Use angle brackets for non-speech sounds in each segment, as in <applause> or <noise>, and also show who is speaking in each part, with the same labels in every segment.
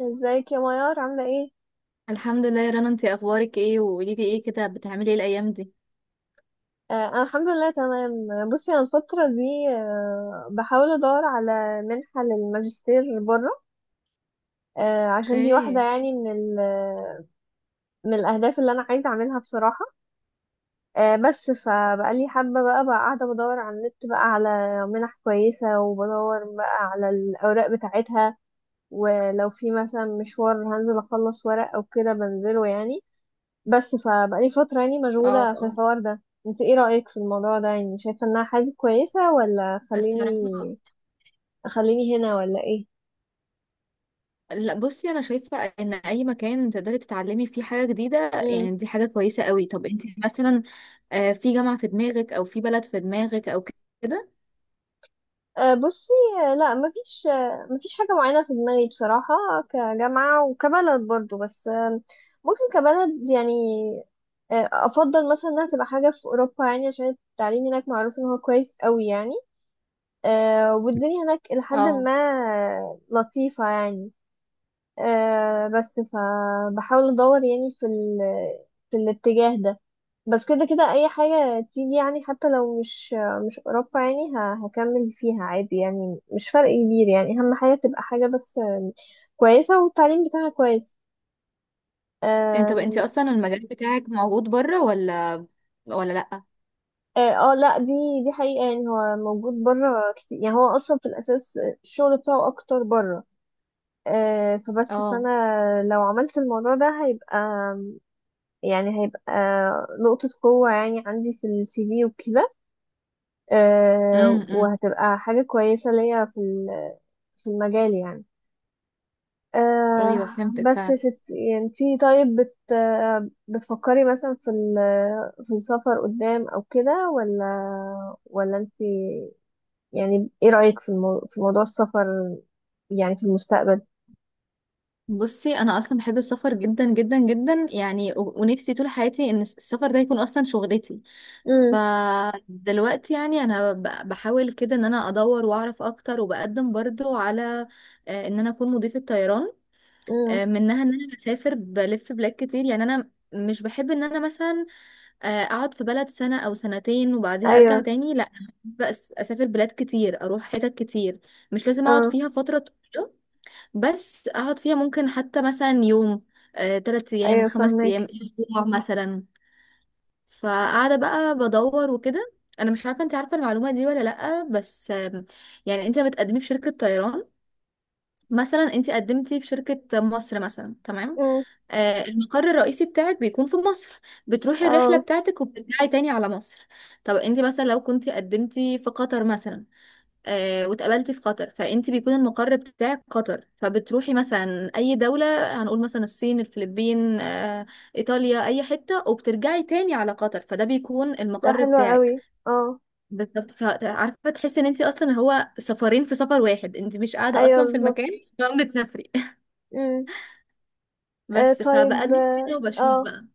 Speaker 1: ازيك يا ميار، عاملة ايه؟
Speaker 2: الحمد لله يا رنا، انتي اخبارك ايه؟ وقولي لي ايه كده، بتعملي ايه الايام دي؟
Speaker 1: انا الحمد لله تمام. بصي، انا الفترة دي بحاول ادور على منحة للماجستير بره. عشان دي واحدة،
Speaker 2: اوكي.
Speaker 1: يعني، من الاهداف اللي انا عايزة اعملها بصراحة. بس فبقالي حابة، بقى قاعدة بدور على النت بقى، على منح كويسة، وبدور بقى على الاوراق بتاعتها. ولو في مثلا مشوار هنزل اخلص ورق او كده بنزله يعني. بس فبقالي فترة يعني
Speaker 2: اه،
Speaker 1: مشغولة في
Speaker 2: اه.
Speaker 1: الحوار ده. انت ايه رأيك في الموضوع ده؟ يعني شايفة انها حاجة كويسة، ولا
Speaker 2: الصراحة.
Speaker 1: خليني هنا، ولا ايه؟
Speaker 2: لا، بصي، انا شايفة ان اي مكان تقدري تتعلمي فيه حاجة جديدة،
Speaker 1: امم.
Speaker 2: يعني دي حاجة كويسة قوي. طب انتي مثلا، في جامعة في دماغك او في بلد في دماغك او كده؟
Speaker 1: بصي، لا، مفيش، مفيش حاجة معينة في دماغي بصراحة، كجامعة وكبلد برضو، بس ممكن كبلد يعني. افضل مثلا انها تبقى حاجة في اوروبا، يعني عشان التعليم هناك معروف ان هو كويس قوي يعني. والدنيا هناك لحد
Speaker 2: اه.
Speaker 1: ما لطيفة يعني. بس فبحاول ادور يعني في الاتجاه ده. بس كده كده اي حاجة تيجي، يعني حتى لو مش اوروبا يعني، هكمل فيها عادي يعني، مش فرق كبير يعني. اهم حاجة تبقى حاجة بس كويسة، والتعليم بتاعها كويس.
Speaker 2: انت بقى
Speaker 1: آم.
Speaker 2: انتي اصلا المجال بتاعك موجود بره ولا لا؟
Speaker 1: اه. لا، دي حقيقة، يعني هو موجود بره كتير، يعني هو اصلا في الاساس الشغل بتاعه اكتر بره. فبس،
Speaker 2: اه.
Speaker 1: فانا لو عملت الموضوع ده هيبقى، يعني هيبقى نقطة قوة يعني عندي في السي في وكده.
Speaker 2: امم.
Speaker 1: وهتبقى حاجة كويسة ليا في المجال يعني. آه.
Speaker 2: ايوه، فهمتك
Speaker 1: بس يا
Speaker 2: فعلا.
Speaker 1: ستي، يعني انتي طيب، بت آه، بتفكري مثلا في السفر قدام او كده، ولا انتي، يعني ايه رأيك في موضوع السفر، يعني في المستقبل؟
Speaker 2: بصي، انا اصلا بحب السفر جدا جدا جدا، يعني ونفسي طول حياتي ان السفر ده يكون اصلا شغلتي.
Speaker 1: امم.
Speaker 2: فدلوقتي يعني انا بحاول كده ان انا ادور واعرف اكتر، وبقدم برضو على ان انا اكون مضيفة طيران.
Speaker 1: امم.
Speaker 2: منها ان انا بسافر بلف بلاد كتير، يعني انا مش بحب ان انا مثلا اقعد في بلد سنة او سنتين وبعديها ارجع
Speaker 1: ايوه.
Speaker 2: تاني، لا. بس اسافر بلاد كتير، اروح حتت كتير. مش لازم اقعد
Speaker 1: اه.
Speaker 2: فيها فترة طويلة. بس اقعد فيها ممكن حتى مثلا يوم، 3 ايام،
Speaker 1: ايوه
Speaker 2: 5 ايام،
Speaker 1: فهمك.
Speaker 2: اسبوع مثلا. فقاعده بقى بدور وكده. انا مش عارفه انت عارفه المعلومه دي ولا لا، بس يعني انت بتقدمي في شركه طيران، مثلا انت قدمتي في شركه مصر مثلا، تمام؟
Speaker 1: امم.
Speaker 2: المقر الرئيسي بتاعك بيكون في مصر. بتروحي الرحله
Speaker 1: اه.
Speaker 2: بتاعتك وبترجعي تاني على مصر. طب انت مثلا لو كنت قدمتي في قطر مثلا، واتقابلتي في قطر، فانت بيكون المقر بتاعك قطر، فبتروحي مثلا اي دولة. هنقول مثلا الصين، الفلبين، ايطاليا، اي حتة، وبترجعي تاني على قطر، فده بيكون
Speaker 1: ده
Speaker 2: المقر
Speaker 1: حلو قوي،
Speaker 2: بتاعك.
Speaker 1: اه.
Speaker 2: بالظبط. فعارفة، تحسي ان انت اصلا هو سفرين في سفر واحد، انت مش قاعدة
Speaker 1: ايوه
Speaker 2: اصلا في
Speaker 1: بالظبط.
Speaker 2: المكان. فعم بتسافري <laughs>
Speaker 1: امم.
Speaker 2: بس
Speaker 1: طيب،
Speaker 2: فبقدم
Speaker 1: اه،
Speaker 2: كده وبشوف بقى.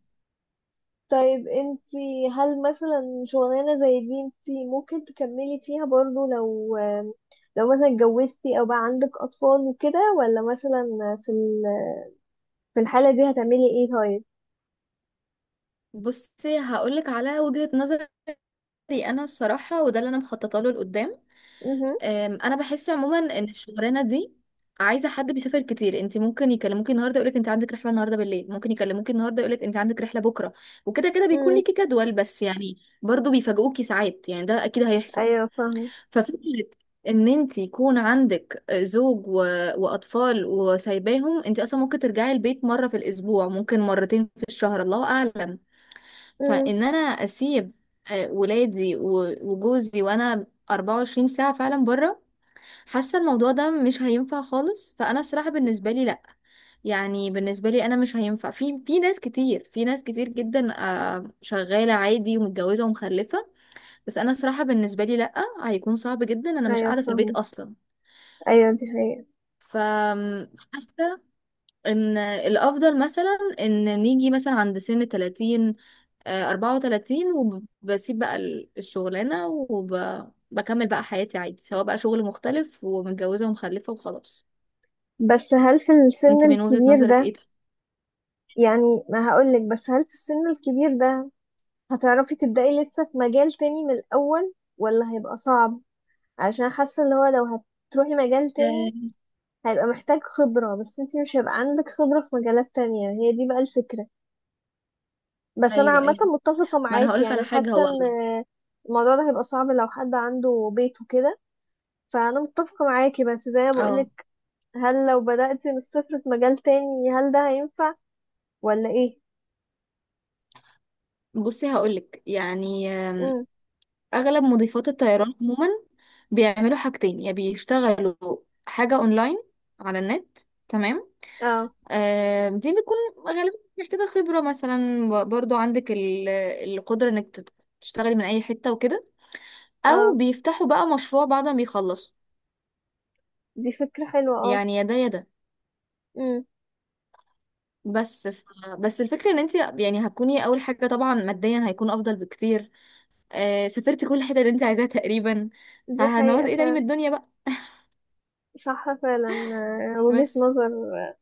Speaker 1: طيب انتي هل مثلا شغلانة زي دي انتي ممكن تكملي فيها برضو لو لو مثلا اتجوزتي او بقى عندك اطفال وكده، ولا مثلا في ال- في الحالة دي هتعملي ايه طيب؟
Speaker 2: بصي، هقولك على وجهة نظري. انا الصراحة، وده اللي انا مخططه له لقدام.
Speaker 1: امم.
Speaker 2: انا بحس عموما ان الشغلانه دي عايزه حد بيسافر كتير. انت ممكن يكلموكي النهارده يقولك انت عندك رحله النهارده بالليل، ممكن يكلموكي النهارده يقولك انت عندك رحله بكره. وكده كده بيكون
Speaker 1: امم.
Speaker 2: ليكي جدول، بس يعني برضو بيفاجئوكي ساعات، يعني ده اكيد هيحصل.
Speaker 1: ايوه فاهمة.
Speaker 2: ففكره ان انت يكون عندك زوج واطفال وسايباهم، انت اصلا ممكن ترجعي البيت مره في الاسبوع، ممكن مرتين في الشهر، الله اعلم.
Speaker 1: امم.
Speaker 2: فان انا اسيب ولادي وجوزي، وانا 24 ساعه فعلا بره، حاسه الموضوع ده مش هينفع خالص. فانا الصراحه بالنسبه لي لا، يعني بالنسبه لي انا مش هينفع. في ناس كتير، في ناس كتير جدا، شغاله عادي ومتجوزه ومخلفه. بس انا الصراحه بالنسبه لي لا، هيكون صعب جدا، انا مش
Speaker 1: ايوه
Speaker 2: قاعده في البيت
Speaker 1: فاهمة.
Speaker 2: اصلا.
Speaker 1: ايوه دي حقيقة.
Speaker 2: فحاسه ان الافضل مثلا ان نيجي مثلا عند سن 30، 34، وبسيب بقى الشغلانه وبكمل بقى حياتي عادي، سواء بقى شغل مختلف ومتجوزه ومخلفه وخلاص.
Speaker 1: بس هل في السن
Speaker 2: انت من وجهة
Speaker 1: الكبير
Speaker 2: نظرك
Speaker 1: ده،
Speaker 2: ايه ده؟
Speaker 1: يعني ما هقولك، بس هل في السن الكبير ده هتعرفي تبدأي لسه في مجال تاني من الاول، ولا هيبقى صعب؟ عشان حاسة اللي هو لو هتروحي مجال تاني
Speaker 2: آه،
Speaker 1: هيبقى محتاج خبرة، بس انتي مش هيبقى عندك خبرة في مجالات تانية. هي دي بقى الفكرة. بس انا
Speaker 2: ايوه،
Speaker 1: عامة
Speaker 2: ايوه.
Speaker 1: متفقة
Speaker 2: ما انا
Speaker 1: معاكي،
Speaker 2: هقولك على
Speaker 1: يعني
Speaker 2: حاجة،
Speaker 1: حاسة
Speaker 2: هو.
Speaker 1: ان الموضوع ده هيبقى صعب لو حد عنده بيت وكده. فانا متفقة معاكي، بس زي ما
Speaker 2: اه.
Speaker 1: بقولك، هل لو بدأتي من الصفر في مجال تاني هل ده هينفع، ولا ايه؟
Speaker 2: بصي هقولك يعني،
Speaker 1: امم.
Speaker 2: اغلب مضيفات الطيران عموما بيعملوا حاجتين. يا بيشتغلوا حاجة اونلاين، على النت، تمام؟
Speaker 1: اه.
Speaker 2: آه دي بتكون غالبا محتاجة خبرة، مثلا برضو عندك القدرة انك تشتغلي من اي حتة وكده. او
Speaker 1: اه.
Speaker 2: بيفتحوا بقى مشروع بعد ما بيخلصوا.
Speaker 1: دي فكرة حلوة، اه.
Speaker 2: يعني يا ده يا ده.
Speaker 1: امم.
Speaker 2: بس ف... بس الفكرة ان انت يعني هتكوني اول حاجة. طبعا ماديا هيكون افضل بكتير، آه سافرتي كل حتة اللي انت عايزاها تقريبا،
Speaker 1: دي
Speaker 2: فهنعوز
Speaker 1: حقيقة
Speaker 2: ايه تاني من
Speaker 1: فعلا.
Speaker 2: الدنيا بقى؟
Speaker 1: صح فعلا. وجهة
Speaker 2: بس.
Speaker 1: نظر. آه،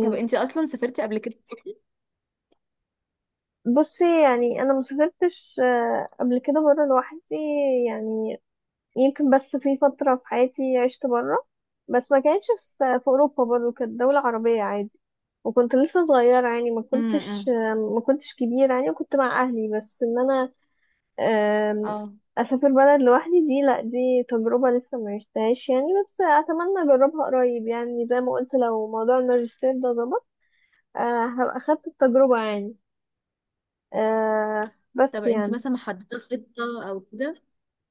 Speaker 2: طب انت اصلا سافرتي قبل كده؟
Speaker 1: بصي، يعني انا ما سافرتش قبل كده بره لوحدي يعني. يمكن بس في فتره في حياتي عشت بره، بس ما كانتش في اوروبا، برضه كانت دوله عربيه عادي. وكنت لسه صغيره يعني، ما
Speaker 2: امم.
Speaker 1: كنتش،
Speaker 2: امم.
Speaker 1: ما كنتش كبيره يعني، وكنت مع اهلي. بس ان انا آم،
Speaker 2: اه.
Speaker 1: اسافر بلد لوحدي، دي لا، دي تجربه لسه ما عشتهاش يعني، بس اتمنى اجربها قريب. يعني زي ما قلت، لو موضوع الماجستير ده ظبط هبقى اخدت التجربه يعني.
Speaker 2: طب
Speaker 1: بس
Speaker 2: انت
Speaker 1: يعني
Speaker 2: مثلا محددة خطة او كده،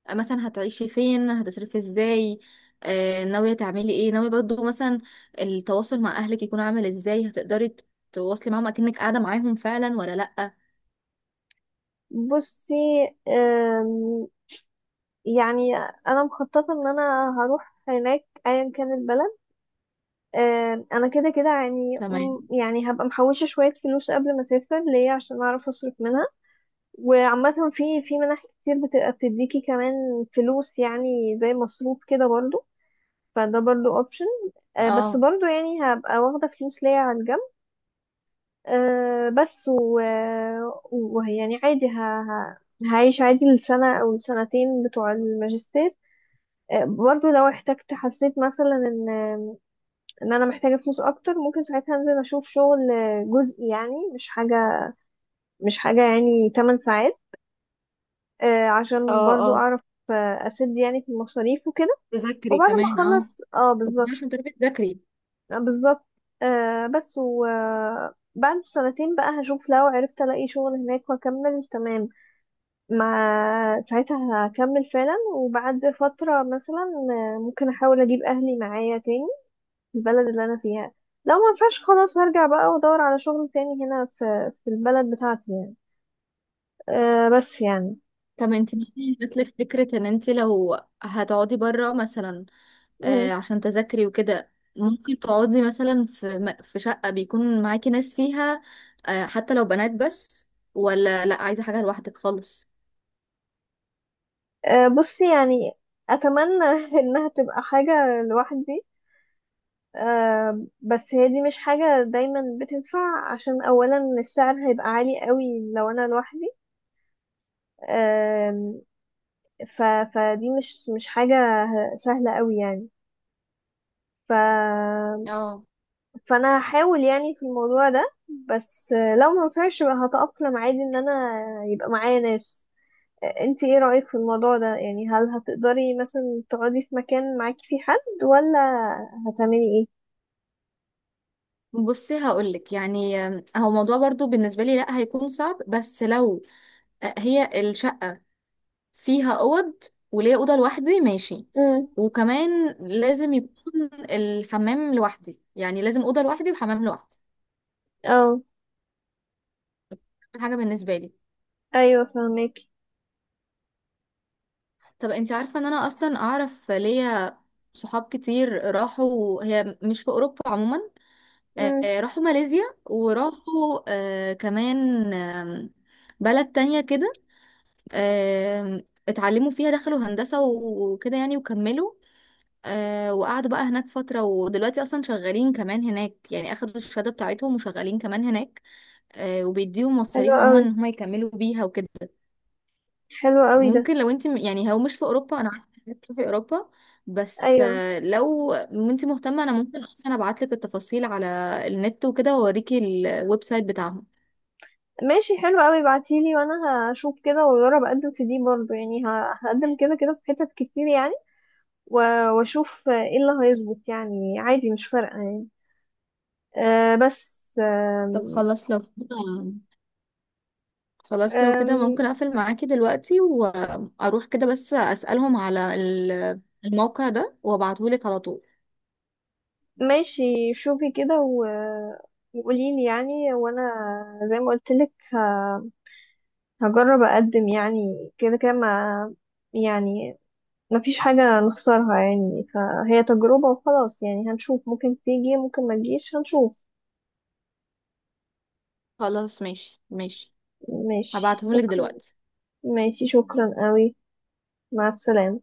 Speaker 2: مثلا هتعيشي فين، هتصرفي ازاي، آه ناوية تعملي ايه؟ ناوية برضو مثلا التواصل مع اهلك يكون عامل ازاي؟ هتقدري تواصلي معاهم اكنك قاعدة معاهم فعلا ولا لأ؟
Speaker 1: بصي، أم، يعني انا مخططه ان انا هروح هناك ايا كان البلد. انا كده كده يعني،
Speaker 2: تمام.
Speaker 1: يعني هبقى محوشه شويه فلوس قبل ما اسافر ليه عشان اعرف اصرف منها. وعامه في منح كتير بتبقى بتديكي كمان فلوس، يعني زي مصروف كده برضو، فده برضو اوبشن. بس
Speaker 2: اه،
Speaker 1: برضو يعني هبقى واخده فلوس ليا على الجنب. بس ويعني عادي هعيش عادي السنة أو السنتين بتوع الماجستير. أه برضو لو احتجت، حسيت مثلا إن أنا محتاجة فلوس أكتر، ممكن ساعتها أنزل أشوف شغل جزئي، يعني مش حاجة، يعني 8 ساعات. أه عشان
Speaker 2: اه،
Speaker 1: برضو
Speaker 2: اه.
Speaker 1: أعرف أسد يعني في المصاريف وكده.
Speaker 2: تذاكري
Speaker 1: وبعد ما
Speaker 2: كمان، اه.
Speaker 1: أخلص، اه
Speaker 2: وكمان
Speaker 1: بالظبط.
Speaker 2: عشان تعرفي تذاكري.
Speaker 1: بالظبط. بس و بعد السنتين بقى هشوف، لو عرفت ألاقي شغل هناك وأكمل تمام، ما ساعتها هكمل فعلا. وبعد فترة مثلا ممكن أحاول أجيب أهلي معايا تاني البلد اللي أنا فيها. لو ما ينفعش، خلاص هرجع بقى وأدور على شغل تاني هنا في البلد بتاعتي يعني. بس يعني.
Speaker 2: طب انت مثلا جات لك فكرة ان انت لو هتقعدي بره مثلا،
Speaker 1: مم.
Speaker 2: آه عشان تذاكري وكده، ممكن تقعدي مثلا في في شقة بيكون معاكي ناس فيها، آه حتى لو بنات بس؟ ولا لا، عايزة حاجة لوحدك خالص؟
Speaker 1: بصي يعني، أتمنى <laughs> إنها تبقى حاجة لوحدي. أه بس هي دي مش حاجة دايما بتنفع، عشان أولا السعر هيبقى عالي قوي لو أنا لوحدي. ف... فدي مش حاجة سهلة قوي يعني. ف...
Speaker 2: اه،
Speaker 1: فانا هحاول يعني في الموضوع ده، بس لو ما ينفعش يبقى هتأقلم عادي ان انا يبقى معايا ناس. انت ايه رأيك في الموضوع ده؟ يعني هل هتقدري مثلا تقعدي في مكان معاكي فيه حد، ولا هتعملي ايه؟
Speaker 2: بصي هقولك يعني، هو موضوع برضو بالنسبة لي لا، هيكون صعب. بس لو هي الشقة فيها اوض، وليا اوضه لوحدي، ماشي.
Speaker 1: امم.
Speaker 2: وكمان لازم يكون الحمام لوحدي، يعني لازم اوضه لوحدي وحمام لوحدي.
Speaker 1: اه.
Speaker 2: أهم حاجه بالنسبه لي.
Speaker 1: ايوه فهمك.
Speaker 2: طب انت عارفه ان انا اصلا اعرف ليا صحاب كتير راحوا، هي مش في اوروبا عموما،
Speaker 1: امم.
Speaker 2: راحوا ماليزيا، وراحوا كمان، بلد تانية كده، اتعلموا فيها، دخلوا هندسة وكده يعني وكملوا. آه، وقعدوا بقى هناك فترة، ودلوقتي أصلا شغالين كمان هناك، يعني أخدوا الشهادة بتاعتهم وشغالين كمان هناك. آه، وبيديهم
Speaker 1: حلو
Speaker 2: مصاريف عموما
Speaker 1: قوي،
Speaker 2: إن هما يكملوا بيها وكده.
Speaker 1: حلو قوي ده.
Speaker 2: ممكن لو أنت يعني هو مش في أوروبا، أنا عارفة إنك تروحي أوروبا، بس
Speaker 1: ايوه.
Speaker 2: آه لو أنت مهتمة أنا ممكن أصلا أبعتلك التفاصيل على النت وكده، وأوريكي الويب سايت بتاعهم.
Speaker 1: ماشي حلو قوي، ابعتيلي وانا هشوف كده واجرب اقدم في دي برضه يعني، هقدم كده كده في حتت كتير يعني، واشوف ايه اللي هيظبط يعني. عادي مش فارقة يعني. آه بس
Speaker 2: طب
Speaker 1: آم
Speaker 2: خلاص لو كده، خلاص لو كده
Speaker 1: آم.
Speaker 2: ممكن أقفل معاكي دلوقتي وأروح كده، بس أسألهم على الموقع ده وأبعتهولك على طول.
Speaker 1: ماشي، شوفي كده وقوليلي يعني. وانا زي ما قلت لك هجرب اقدم يعني كده كده، ما يعني ما فيش حاجة نخسرها يعني، فهي تجربة وخلاص. يعني هنشوف، ممكن تيجي، ممكن ما تجيش، هنشوف.
Speaker 2: خلاص، ماشي ماشي.
Speaker 1: ماشي،
Speaker 2: هبعتهم لك
Speaker 1: شكرا.
Speaker 2: دلوقتي.
Speaker 1: ماشي، شكرا قوي. مع السلامة.